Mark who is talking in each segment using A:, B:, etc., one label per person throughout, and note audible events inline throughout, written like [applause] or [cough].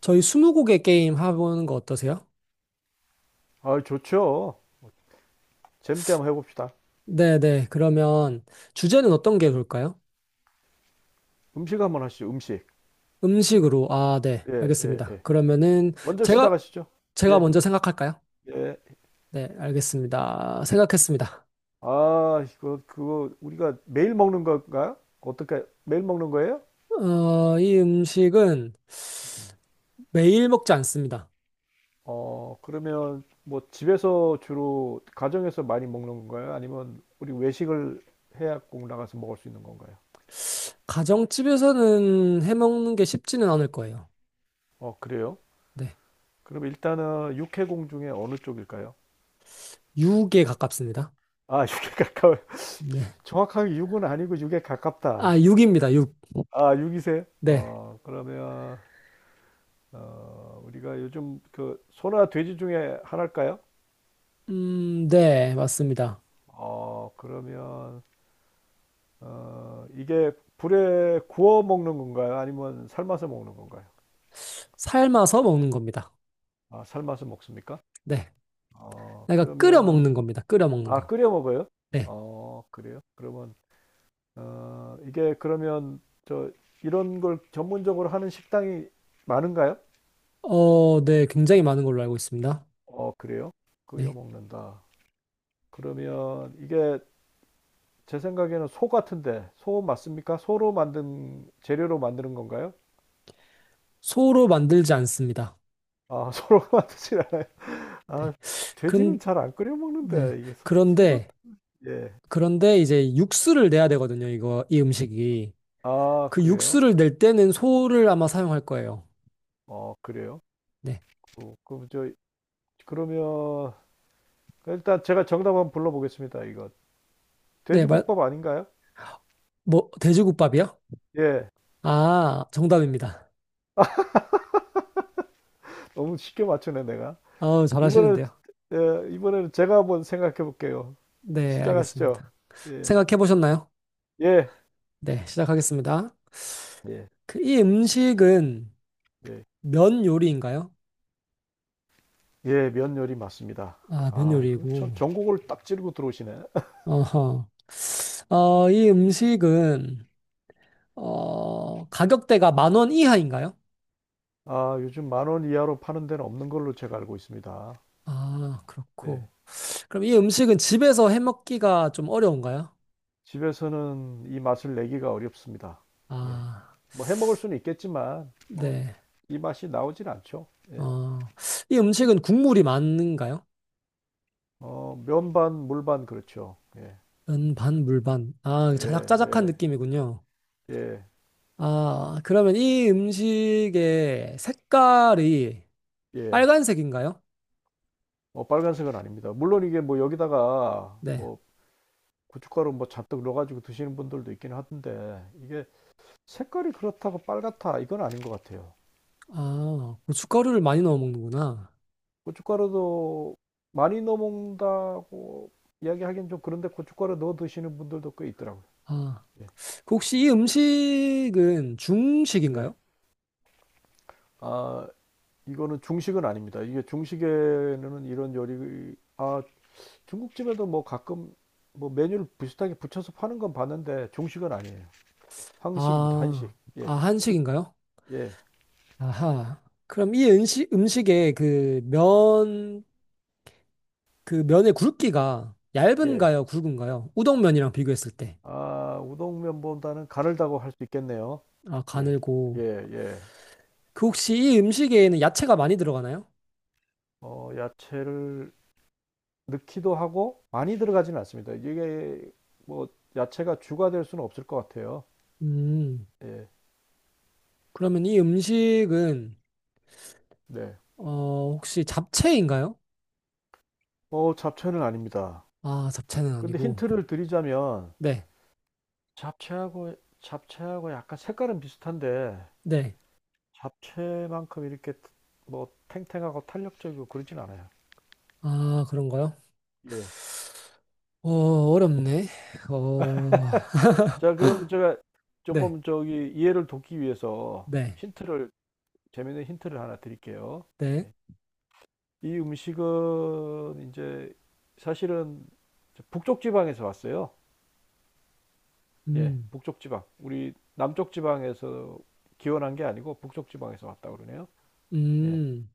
A: 저희 스무고개 게임 해보는 거 어떠세요?
B: 아, 좋죠. 재밌게 한번 해봅시다.
A: 네네. 그러면 주제는 어떤 게 좋을까요?
B: 음식 한번 하시죠, 음식.
A: 음식으로. 아, 네.
B: 예, 예,
A: 알겠습니다.
B: 예.
A: 그러면은
B: 먼저
A: 제가,
B: 시작하시죠.
A: 제가
B: 예,
A: 먼저 생각할까요?
B: 예.
A: 네, 알겠습니다. 생각했습니다.
B: 아, 이거, 그거, 우리가 매일 먹는 건가요? 어떻게, 매일 먹는 거예요?
A: 이 음식은 매일 먹지 않습니다.
B: 어, 그러면 뭐 집에서 주로, 가정에서 많이 먹는 건가요? 아니면 우리 외식을 해야 꼭 나가서 먹을 수 있는 건가요?
A: 가정집에서는 해먹는 게 쉽지는 않을 거예요.
B: 어, 그래요?
A: 네.
B: 그럼 일단은 육해공 중에 어느 쪽일까요?
A: 육에 가깝습니다.
B: 아, 육에 가까워요.
A: 네.
B: [laughs] 정확하게 육은 아니고 육에 가깝다.
A: 아, 육입니다. 육.
B: 아, 육이세요.
A: 네.
B: 어, 그러면 어, 우리가 요즘 그 소나 돼지 중에 하나일까요?
A: 네. 맞습니다.
B: 어, 그러면 어, 이게 불에 구워 먹는 건가요? 아니면 삶아서 먹는 건가요?
A: 삶아서 먹는 겁니다.
B: 아, 삶아서 먹습니까?
A: 네.
B: 어,
A: 내가 끓여
B: 그러면
A: 먹는 겁니다. 끓여 먹는
B: 아,
A: 거.
B: 끓여 먹어요?
A: 네.
B: 어, 그래요? 그러면 어, 이게 그러면 저 이런 걸 전문적으로 하는 식당이 많은가요?
A: 네. 굉장히 많은 걸로 알고 있습니다.
B: 어, 그래요? 끓여
A: 네.
B: 먹는다. 그러면 이게 제 생각에는 소 같은데 소 맞습니까? 소로 만든 재료로 만드는 건가요?
A: 소로 만들지 않습니다.
B: 아, [laughs] 소로 만드진 않아요. 아,
A: 네. 그런,
B: 돼지는 잘 안 끓여
A: 네.
B: 먹는데 이게 소, 소 같은.
A: 그런데,
B: 예.
A: 그런데 이제 육수를 내야 되거든요. 이거, 이 음식이.
B: 아,
A: 그
B: 그래요?
A: 육수를 낼 때는 소를 아마 사용할 거예요.
B: 어, 그래요?
A: 네.
B: 그럼 저 그러면 일단 제가 정답 한번 불러보겠습니다. 이거
A: 네. 말,
B: 돼지국밥 아닌가요?
A: 뭐, 돼지국밥이요?
B: 예.
A: 아, 정답입니다.
B: 너무 쉽게 맞추네 내가.
A: 아우,
B: 이번에는
A: 잘하시는데요.
B: 예, 이번에는 제가 한번 생각해 볼게요.
A: 네.
B: 시작하시죠.
A: 알겠습니다.
B: 예.
A: 생각해 보셨나요?
B: 예.
A: 네. 시작하겠습니다.
B: 예.
A: 그, 이 음식은
B: 예.
A: 면 요리인가요?
B: 예, 면열이 맞습니다.
A: 아, 면
B: 아, 이거 참
A: 요리고.
B: 전국을 딱 찌르고 들어오시네.
A: 어허. 이 가격대가 만 원 이하인가요?
B: 아, 요즘 만원 이하로 파는 데는 없는 걸로 제가 알고 있습니다.
A: 아,
B: 네.
A: 그렇고. 그럼 이 음식은 집에서 해 먹기가 좀 어려운가요?
B: 집에서는 이 맛을 내기가 어렵습니다. 예.
A: 아,
B: 뭐 해 먹을 수는 있겠지만 뭐
A: 네.
B: 이 맛이 나오질 않죠. 예.
A: 어, 이 음식은 국물이 많은가요?
B: 어, 면반, 물반 그렇죠. 예.
A: 면 반, 물 반. 아,
B: 예,
A: 자작자작한
B: 예.
A: 느낌이군요.
B: 예.
A: 아, 그러면 이 음식의 색깔이
B: 예.
A: 빨간색인가요?
B: 뭐 빨간색은 아닙니다. 물론 이게 뭐 여기다가
A: 네.
B: 뭐 고춧가루 뭐 잔뜩 넣어가지고 드시는 분들도 있긴 하던데 이게 색깔이 그렇다고 빨갛다 이건 아닌 것 같아요.
A: 아, 고춧가루를 많이 넣어 먹는구나.
B: 고춧가루도 많이 넣어 먹는다고 이야기하기엔 좀 그런데 고춧가루 넣어 드시는 분들도 꽤 있더라고요.
A: 아.
B: 예.
A: 그 혹시 이 음식은
B: 네.
A: 중식인가요?
B: 아, 이거는 중식은 아닙니다. 이게 중식에는 이런 요리, 아, 중국집에도 뭐 가끔 뭐 메뉴를 비슷하게 붙여서 파는 건 봤는데 중식은 아니에요. 한식입니다.
A: 아,
B: 한식.
A: 아,
B: 예,
A: 한식인가요?
B: 예,
A: 아하. 그럼 이 음식의 그 면, 그 면의 굵기가
B: 예.
A: 얇은가요? 굵은가요? 우동면이랑 비교했을 때.
B: 아, 우동면보다는 가늘다고 할 수 있겠네요.
A: 아,
B: 예, 예,
A: 가늘고.
B: 예.
A: 그 혹시 이 음식에는 야채가 많이 들어가나요?
B: 어, 야채를 넣기도 하고 많이 들어가지는 않습니다. 이게 뭐 야채가 주가 될 수는 없을 것 같아요.
A: 음,
B: 예,
A: 그러면 이
B: 네.
A: 혹시 잡채인가요?
B: 어, 잡채는 아닙니다.
A: 아, 잡채는
B: 근데
A: 아니고.
B: 힌트를 드리자면
A: 네,
B: 잡채하고 잡채하고 약간 색깔은 비슷한데
A: 네.
B: 잡채만큼 이렇게 뭐 탱탱하고 탄력적이고 그러진 않아요.
A: 아, 그런가요?
B: 예.
A: 어, 어렵네. 어,
B: 자, 그럼 제가
A: 네.
B: 조금 저기 이해를 돕기 위해서
A: 네,
B: 힌트를 재있는 힌트를 하나 드릴게요.
A: 네,
B: 예. 이 음식은 이제 사실은 북쪽 지방에서 왔어요. 예,
A: 음,
B: 북쪽 지방. 우리 남쪽 지방에서 기원한 게 아니고 북쪽 지방에서 왔다 그러네요. 예.
A: 음.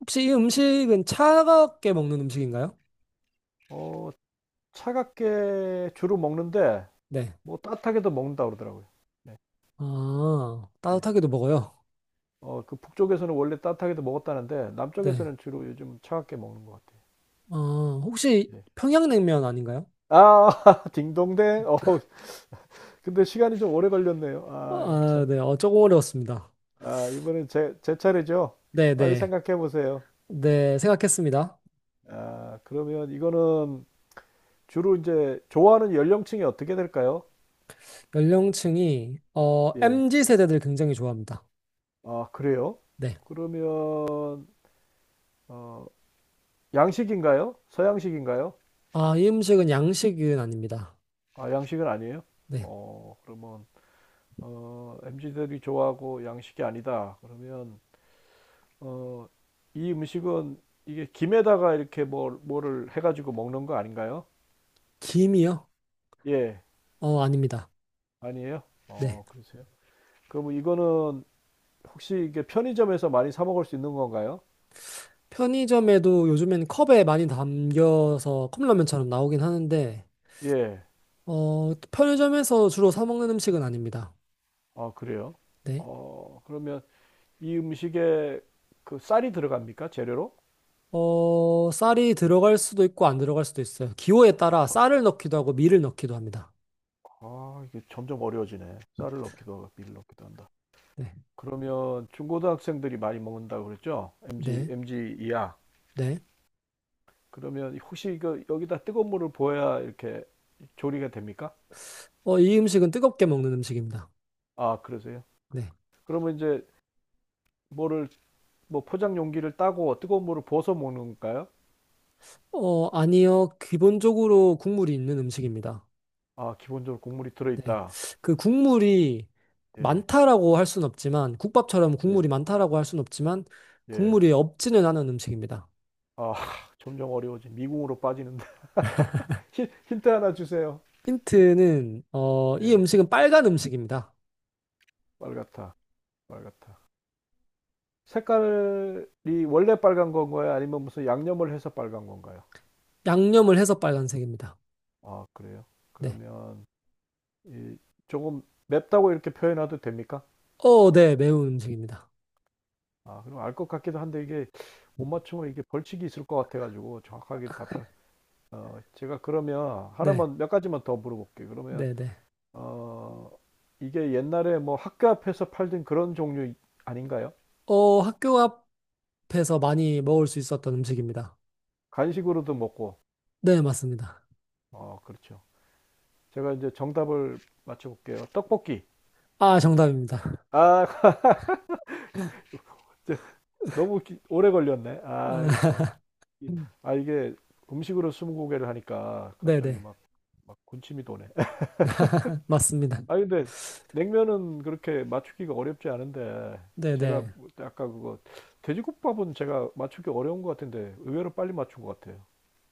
A: 혹시 이 음식은 차갑게 먹는 음식인가요?
B: 어, 차갑게 주로 먹는데
A: 네.
B: 뭐 따뜻하게도 먹는다 그러더라고요. 네.
A: 아,
B: 예.
A: 따뜻하게도 먹어요.
B: 어, 그 북쪽에서는 원래 따뜻하게도 먹었다는데
A: 네.
B: 남쪽에서는 주로 요즘 차갑게 먹는 것 같아요.
A: 아, 혹시
B: 예.
A: 평양냉면 아닌가요?
B: 아, [laughs] 딩동댕. 어, 근데 시간이 좀 오래 걸렸네요. 아,
A: 아,
B: 참.
A: 네. 어, 조금 어려웠습니다.
B: 아, 이번엔 제 차례죠.
A: 네,
B: 빨리
A: 네.
B: 생각해 보세요.
A: 네, 생각했습니다.
B: 아, 그러면 이거는 주로 이제 좋아하는 연령층이 어떻게 될까요? 예.
A: MZ 세대들 굉장히 좋아합니다.
B: 아, 그래요?
A: 네.
B: 그러면 어, 양식인가요? 서양식인가요?
A: 아, 이 음식은 양식은 아닙니다.
B: 아, 양식은 아니에요?
A: 네.
B: 어, 그러면 어, 엠지들이 좋아하고 양식이 아니다. 그러면 어, 이 음식은 이게 김에다가 이렇게 뭐를 해가지고 먹는 거 아닌가요?
A: 김이요?
B: 예,
A: 아닙니다.
B: 아니에요?
A: 네.
B: 어, 그러세요? 그러면 이거는 혹시 이게 편의점에서 많이 사 먹을 수 있는 건가요?
A: 편의점에도 요즘엔 컵에 많이 담겨서 컵라면처럼 나오긴 하는데,
B: 예.
A: 편의점에서 주로 사 먹는 음식은 아닙니다.
B: 아, 그래요?
A: 네.
B: 어, 그러면 이 음식에 그 쌀이 들어갑니까? 재료로?
A: 쌀이 들어갈 수도 있고 안 들어갈 수도 있어요. 기호에 따라 쌀을 넣기도 하고 밀을 넣기도 합니다.
B: 아, 이게 점점 어려워지네. 쌀을 넣기도 하고 밀 넣기도 한다.
A: 네.
B: 그러면 중고등학생들이 많이 먹는다고 그랬죠? MG,
A: 네.
B: MG 이하.
A: 네.
B: 그러면 혹시 이거 여기다 뜨거운 물을 부어야 이렇게 조리가 됩니까?
A: 이 음식은 뜨겁게 먹는 음식입니다.
B: 아, 그러세요?
A: 네.
B: 그러면 이제 뭐를 뭐 포장 용기를 따고 뜨거운 물을 부어서 먹는 건가요?
A: 어, 아니요. 기본적으로 국물이 있는 음식입니다.
B: 아, 기본적으로 국물이
A: 네.
B: 들어있다.
A: 그 국물이
B: 예,
A: 많다라고 할 수는 없지만, 국밥처럼
B: 네.
A: 국물이 많다라고 할 수는 없지만,
B: 예.
A: 국물이 없지는 않은 음식입니다.
B: 아, 점점 어려워지. 미궁으로 빠지는데. [laughs] 힌- 트 하나 주세요.
A: 힌트는, 이
B: 예.
A: 음식은 빨간 음식입니다.
B: 빨갛다. 빨갛다. 색깔이 원래 빨간 건가요? 아니면 무슨 양념을 해서 빨간 건가요?
A: 양념을 해서 빨간색입니다.
B: 아, 그래요?
A: 네.
B: 그러면 이 조금 맵다고 이렇게 표현해도 됩니까?
A: 어, 네, 매운 음식입니다.
B: 아, 그럼 알 것 같기도 한데 이게 못 맞추면 이게 벌칙이 있을 것 같아가지고 정확하게 답변. 어, 제가 그러면
A: 네,
B: 하나만 몇 가지만 더 물어볼게요. 그러면
A: 네, 네.
B: 어, 이게 옛날에 뭐 학교 앞에서 팔던 그런 종류 아닌가요?
A: 학교 앞에서 많이 먹을 수 있었던 음식입니다.
B: 간식으로도 먹고.
A: 네, 맞습니다.
B: 어, 그렇죠. 제가 이제 정답을 맞춰볼게요. 떡볶이.
A: 아, 정답입니다.
B: 아, [laughs] 너무 기- 오래 걸렸네. 아, 이거 참.
A: 아, [laughs]
B: 이- 아, 이게 음식으로 스무고개를 하니까
A: 네,
B: 갑자기
A: 네.
B: 막, 막 군침이 도네. [laughs]
A: [laughs] 맞습니다.
B: 아, 근데 냉면은 그렇게 맞추기가 어렵지 않은데
A: 네,
B: 제가
A: 네.
B: 아까 그거 돼지국밥은 제가 맞추기 어려운 것 같은데 의외로 빨리 맞춘 것 같아요.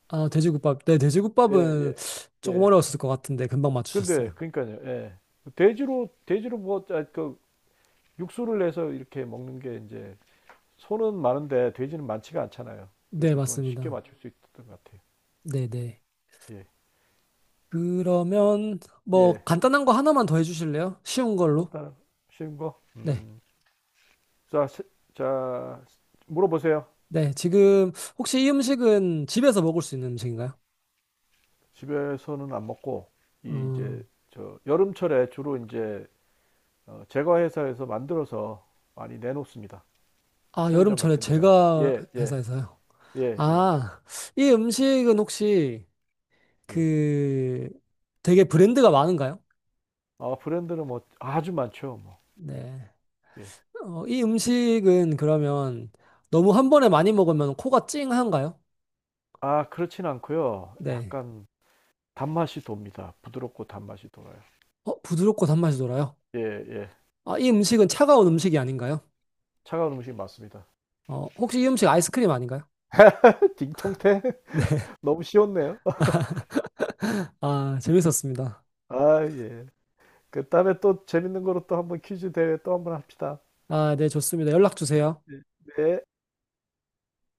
A: 아, 돼지국밥. 네,
B: 예,
A: 돼지국밥은
B: 예,
A: 조금
B: 예.
A: 어려웠을 것 같은데 금방
B: 근데
A: 맞추셨어요.
B: 그러니까요. 예. 돼지로 뭐그 육수를 내서 이렇게 먹는 게 이제 소는 많은데 돼지는 많지가 않잖아요.
A: 네,
B: 그래서 그건 쉽게
A: 맞습니다.
B: 맞출 수 있었던 것 같아요.
A: 네, 네.
B: 예.
A: 그러면
B: 예.
A: 뭐 간단한 거 하나만 더 해주실래요? 쉬운 걸로.
B: 간단한 쉬운 거.
A: 네,
B: 음. 자, 세- 자 물어보세요.
A: 네. 지금 혹시 이 음식은 집에서 먹을 수 있는 음식인가요?
B: 집에서는 안 먹고 이 이제
A: 음,
B: 저 여름철에 주로 이제 어, 제과 회사에서 만들어서 많이 내놓습니다. 그
A: 아,
B: 편의점
A: 여름철에
B: 같은 데다가.
A: 제가
B: 예, 예.
A: 회사에서요.
B: 예, 예.
A: 아, 이 음식은 혹시
B: 예.
A: 그 되게 브랜드가 많은가요?
B: 아, 브랜드는 뭐 아주 많죠. 뭐.
A: 네.
B: 예.
A: 이 음식은 그러면 너무 한 번에 많이 먹으면 코가 찡한가요?
B: 아, 그렇진 않고요.
A: 네.
B: 약간 단맛이 돕니다. 부드럽고 단맛이 돌아요.
A: 어, 부드럽고 단맛이 돌아요.
B: 예, 예.
A: 아, 이 음식은 차가운 음식이 아닌가요?
B: 차가운 음식 맞습니다.
A: 어, 혹시 이 음식 아이스크림 아닌가요?
B: [laughs]
A: [laughs]
B: 딩통태 [laughs]
A: 네.
B: 너무 쉬웠네요.
A: 아, 재밌었습니다.
B: 아, 예. 그 다음에 또 재밌는 거로 또 한번 퀴즈 대회 또 한번 합시다.
A: 아, 네, 좋습니다. 연락 주세요.
B: 네. 네.